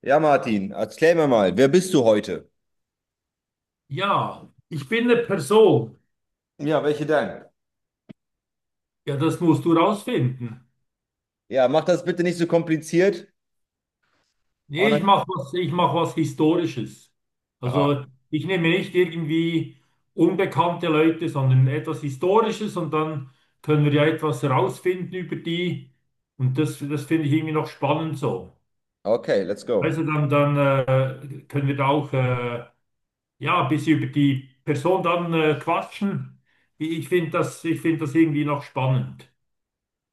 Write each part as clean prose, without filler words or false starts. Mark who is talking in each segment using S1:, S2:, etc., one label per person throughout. S1: Ja, Martin, erklär mir mal, wer bist du heute?
S2: Ja, ich bin eine Person.
S1: Ja, welche denn?
S2: Ja, das musst du rausfinden.
S1: Ja, mach das bitte nicht so kompliziert.
S2: Nee,
S1: Und
S2: ich
S1: dann-
S2: mache was, ich mach was Historisches. Also ich nehme nicht irgendwie unbekannte Leute, sondern etwas Historisches und dann können wir ja etwas rausfinden über die. Und das finde ich irgendwie noch spannend so.
S1: Okay, let's go.
S2: Also dann, können wir da auch ja, ein bisschen über die Person dann quatschen. Ich finde das irgendwie noch spannend.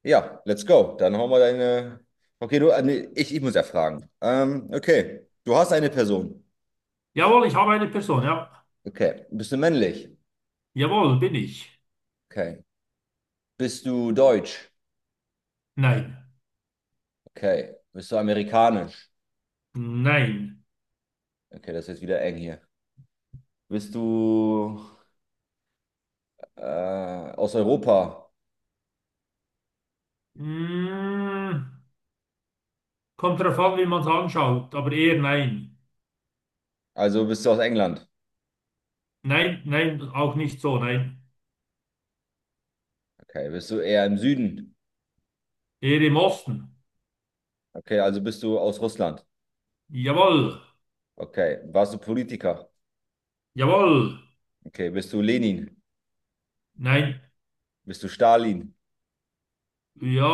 S1: Ja, let's go. Dann hauen wir deine. Okay, du, nee, ich muss ja fragen. Okay, du hast eine Person.
S2: Jawohl, ich habe eine Person, ja.
S1: Okay, bist du männlich?
S2: Jawohl, bin ich.
S1: Okay. Bist du deutsch?
S2: Nein.
S1: Okay. Bist du amerikanisch?
S2: Nein.
S1: Okay, das ist jetzt wieder eng hier. Bist du äh, aus Europa?
S2: Mm, Kommt darauf an, wie man es anschaut, aber eher nein.
S1: Also bist du aus England?
S2: Nein, nein, auch nicht so, nein.
S1: Okay. Bist du eher im Süden?
S2: Eher im Osten.
S1: Okay, also bist du aus Russland.
S2: Jawohl,
S1: Okay. Warst du Politiker?
S2: jawohl.
S1: Okay. Bist du Lenin?
S2: Nein,
S1: Bist du Stalin?
S2: ja,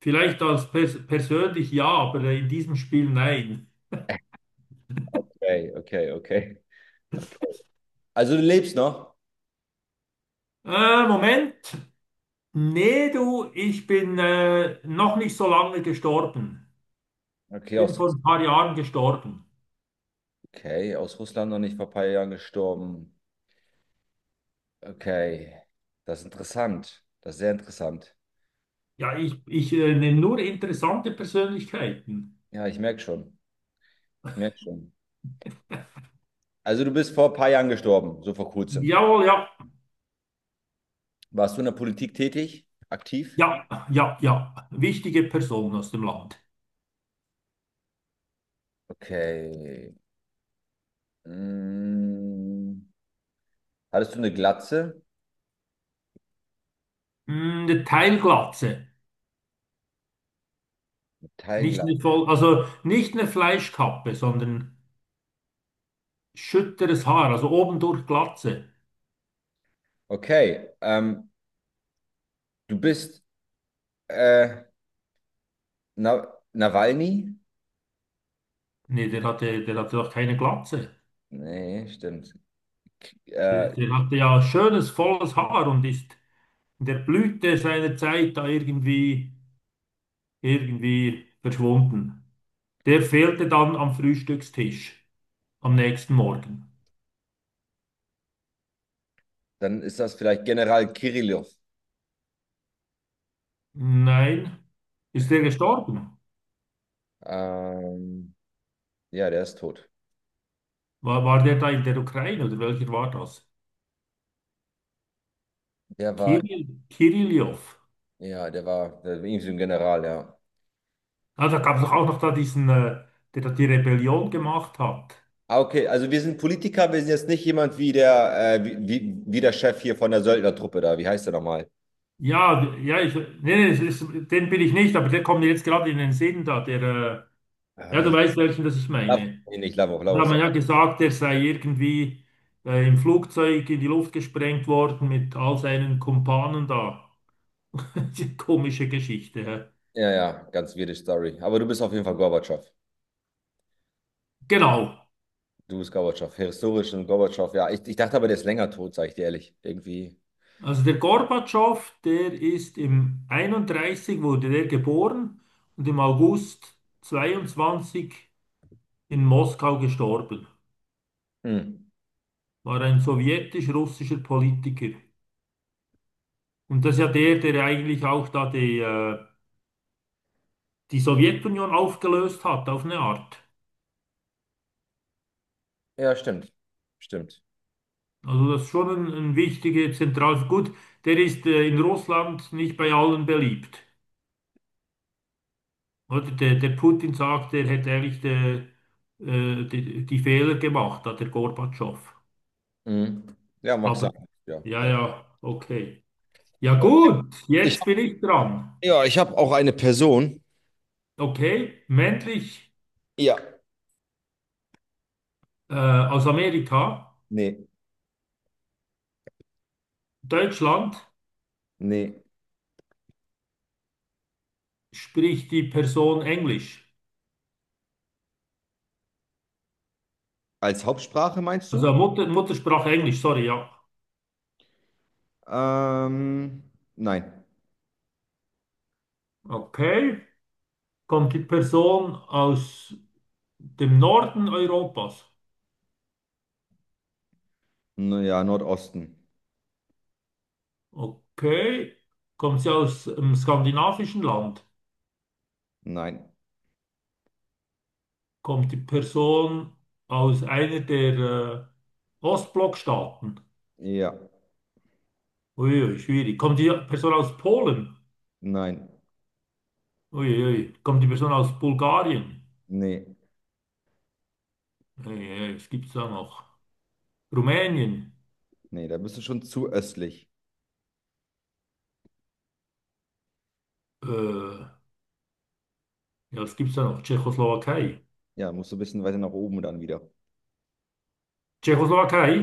S2: vielleicht als persönlich ja, aber in diesem Spiel nein.
S1: Okay, okay, okay. Okay. Also du lebst noch?
S2: Moment. Nee, du, ich bin noch nicht so lange gestorben.
S1: Okay,
S2: Bin vor ein paar Jahren gestorben.
S1: okay, aus Russland noch nicht vor ein paar Jahren gestorben. Okay. Das ist interessant. Das ist sehr interessant.
S2: Ja, ich nehme nur interessante Persönlichkeiten.
S1: Ja, ich merke schon. Ich merke schon. Also du bist vor ein paar Jahren gestorben, so vor kurzem.
S2: Jawohl, ja,
S1: Warst du in der Politik tätig? Aktiv?
S2: ja, ja, ja. Wichtige Person aus dem Land.
S1: Okay. Mm. Hattest du eine Glatze?
S2: Mm, eine Teilglatze. Nicht
S1: Teilglatze.
S2: eine voll, also nicht eine Fleischkappe, sondern schütteres Haar, also obendurch Glatze.
S1: Okay. Du bist äh, Na Nawalny?
S2: Nee, der hatte doch keine Glatze.
S1: Nee, stimmt.
S2: Der,
S1: Äh,
S2: der hatte ja schönes, volles Haar und ist in der Blüte seiner Zeit da irgendwie verschwunden. Der fehlte dann am Frühstückstisch am nächsten Morgen.
S1: Dann ist das vielleicht General Kirillow.
S2: Nein, ist der gestorben?
S1: Ähm, ja, der ist tot.
S2: War der da in der Ukraine oder welcher war das?
S1: Der war,
S2: Kirillow.
S1: ja, der war irgendwie so ein General, ja.
S2: Ah, da gab es doch auch noch da diesen, der da die Rebellion gemacht hat.
S1: Ah, okay, also wir sind Politiker, wir sind jetzt nicht jemand wie wie der Chef hier von der Söldnertruppe da. Wie heißt der nochmal?
S2: Ja, ja, ich, nee, nee, es ist, den bin ich nicht, aber der kommt mir jetzt gerade in den Sinn da, der,
S1: Ah,
S2: ja, du
S1: wie?
S2: weißt welchen, das ich
S1: Lavrov,
S2: meine.
S1: nee, nicht Lavrov,
S2: Da
S1: Lavrov,
S2: hat
S1: ist
S2: man
S1: ja.
S2: ja gesagt, der sei irgendwie im Flugzeug in die Luft gesprengt worden mit all seinen Kumpanen da. Die komische Geschichte, hä?
S1: Ja, ja, ganz weirde Story. Aber du bist auf jeden Fall Gorbatschow.
S2: Genau.
S1: Du bist Gorbatschow. Historisch und Gorbatschow, ja. Ich dachte aber, der ist länger tot, sag ich dir ehrlich. Irgendwie.
S2: Also der Gorbatschow, der ist im 31 wurde der geboren und im August 22 in Moskau gestorben.
S1: Hm.
S2: War ein sowjetisch-russischer Politiker. Und das ist ja der, der eigentlich auch da die Sowjetunion aufgelöst hat, auf eine Art.
S1: Ja, stimmt. Stimmt.
S2: Also das ist schon ein wichtiger Zentralfigur. Gut, der ist in Russland nicht bei allen beliebt. Oder der Putin sagt, er hätte eigentlich die Fehler gemacht, hat der Gorbatschow.
S1: Mhm. Ja, mag sein.
S2: Aber
S1: Ja,
S2: ja,
S1: vielleicht.
S2: ja, okay. Ja
S1: Oh,
S2: gut,
S1: Ich
S2: jetzt bin
S1: hab,
S2: ich dran.
S1: ja, ich habe auch eine Person.
S2: Okay, männlich
S1: Ja.
S2: aus Amerika,
S1: Nee,
S2: Deutschland
S1: nee.
S2: spricht die Person Englisch.
S1: Als Hauptsprache meinst
S2: Also
S1: du?
S2: Muttersprache Englisch, sorry, ja.
S1: Ähm, nein.
S2: Okay, kommt die Person aus dem Norden Europas.
S1: Naja, Nordosten.
S2: Okay, kommt sie aus einem skandinavischen Land.
S1: Nein.
S2: Kommt die Person aus einer der Ostblockstaaten?
S1: Ja.
S2: Uiui, schwierig. Kommt die Person aus Polen?
S1: Nein.
S2: Uiui. Kommt die Person aus Bulgarien?
S1: Nee.
S2: Uiui, was gibt's da noch? Rumänien?
S1: Nee, da bist du schon zu östlich.
S2: Ja, was gibt's da noch? Tschechoslowakei?
S1: Ja, musst du ein bisschen weiter nach oben dann wieder.
S2: Tschechoslowakei?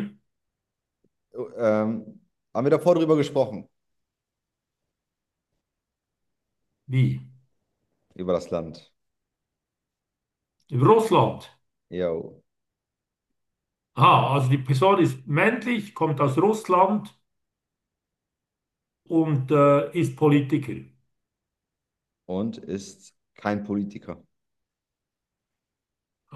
S1: Oh, haben wir davor drüber gesprochen?
S2: Wie?
S1: Über das Land.
S2: Russland?
S1: Jo.
S2: Aha, also die Person ist männlich, kommt aus Russland und ist Politiker.
S1: Und ist kein Politiker.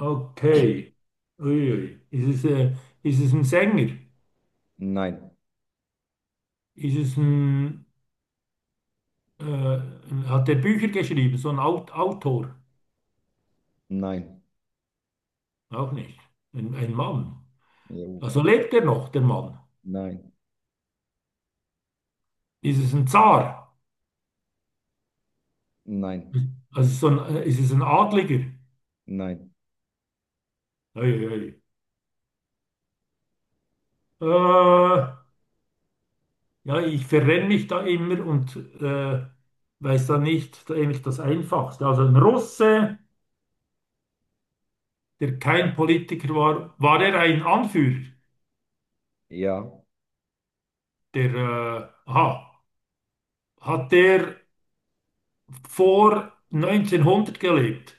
S2: Okay. Uiui. Ist es ein Sänger?
S1: Nein.
S2: Ist es hat er Bücher geschrieben, so ein Autor?
S1: Nein.
S2: Auch nicht. Ein Mann.
S1: Jo.
S2: Also lebt er noch, der Mann?
S1: Nein,
S2: Ist es ein Zar?
S1: nein,
S2: Also ist es ein Adliger?
S1: nein,
S2: Ei, ei, ei. Äh, ja, ich verrenne mich da immer und weiß da nicht da eigentlich das Einfachste. Also ein Russe, der kein Politiker war, war er ein Anführer?
S1: ja,
S2: Aha, hat der vor 1900 gelebt?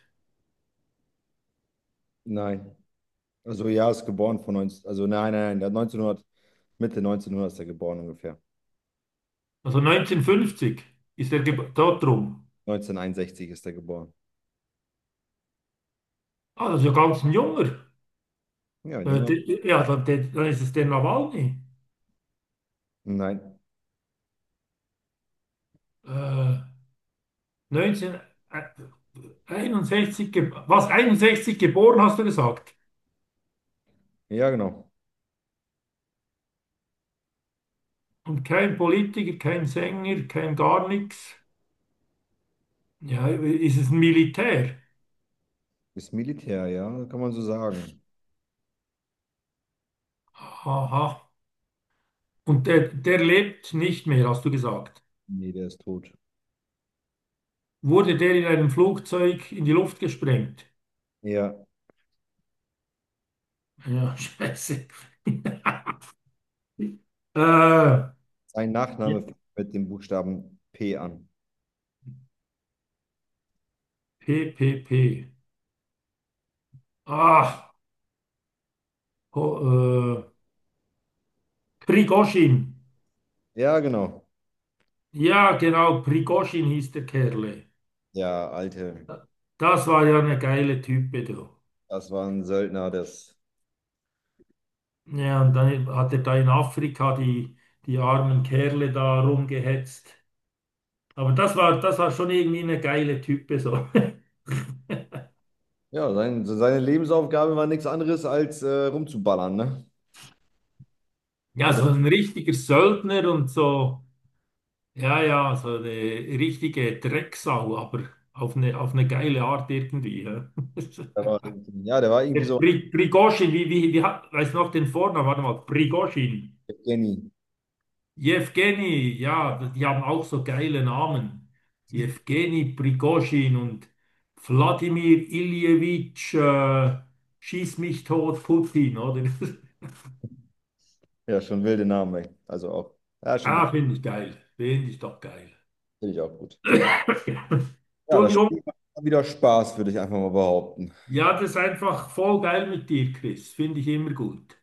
S1: nein. Also ja, ist geboren von 19, also nein, nein, nein, der hat 1900, Mitte 1900 ist er geboren ungefähr.
S2: Also 1950 ist er dort rum.
S1: 1961 ist er geboren.
S2: Ah, das ist ja ganz ein Junger.
S1: Ja, ein Junge.
S2: Ja, dann ist es der Nawalny.
S1: Nein,
S2: Äh, 1961, was, 61 geboren, hast du gesagt?
S1: ja, genau.
S2: Und kein Politiker, kein Sänger, kein gar nichts. Ja, ist es ein Militär?
S1: Ist Militär, ja, kann man so sagen.
S2: Aha. Und der lebt nicht mehr, hast du gesagt.
S1: Nee, der ist tot.
S2: Wurde der in einem Flugzeug in die Luft gesprengt?
S1: Ja,
S2: Ja, scheiße. Äh,
S1: sein
S2: ja,
S1: Nachname fängt mit dem Buchstaben P an.
S2: P P P Ah, ho, Prigozhin.
S1: Ja, genau.
S2: Ja, genau, Prigozhin hieß der Kerle.
S1: Ja, Alte,
S2: Das war ja eine geile Type, du.
S1: das war ein Söldner,
S2: Ja, und dann hat er da in Afrika die armen Kerle da rumgehetzt. Aber das war schon irgendwie eine geile Type, so.
S1: ja, seine Lebensaufgabe war nichts anderes als rumzuballern, ne?
S2: Ja,
S1: Oder?
S2: so ein richtiger Söldner und so. Ja, ja, so eine richtige Drecksau, aber auf eine geile Art irgendwie. Ja.
S1: Der war irgendwie, ja, der war irgendwie
S2: Der
S1: so.
S2: Prigozhin, wie hat, weiß noch den Vornamen, warte mal, Prigozhin.
S1: Evgeny.
S2: Jewgeni, ja, die haben auch so geile Namen. Jewgeni Prigozhin und Wladimir Iljewitsch, schieß mich tot, Putin, oder?
S1: Ja, schon wilde Namen, ey. Also auch, ja, schon
S2: Ah,
S1: natürlich
S2: finde ich geil. Finde ich doch geil.
S1: auch gut. Ja, das
S2: Entschuldigung.
S1: Spiel macht wieder Spaß, würde ich einfach mal behaupten.
S2: Ja, das ist einfach voll geil mit dir, Chris. Finde ich immer gut.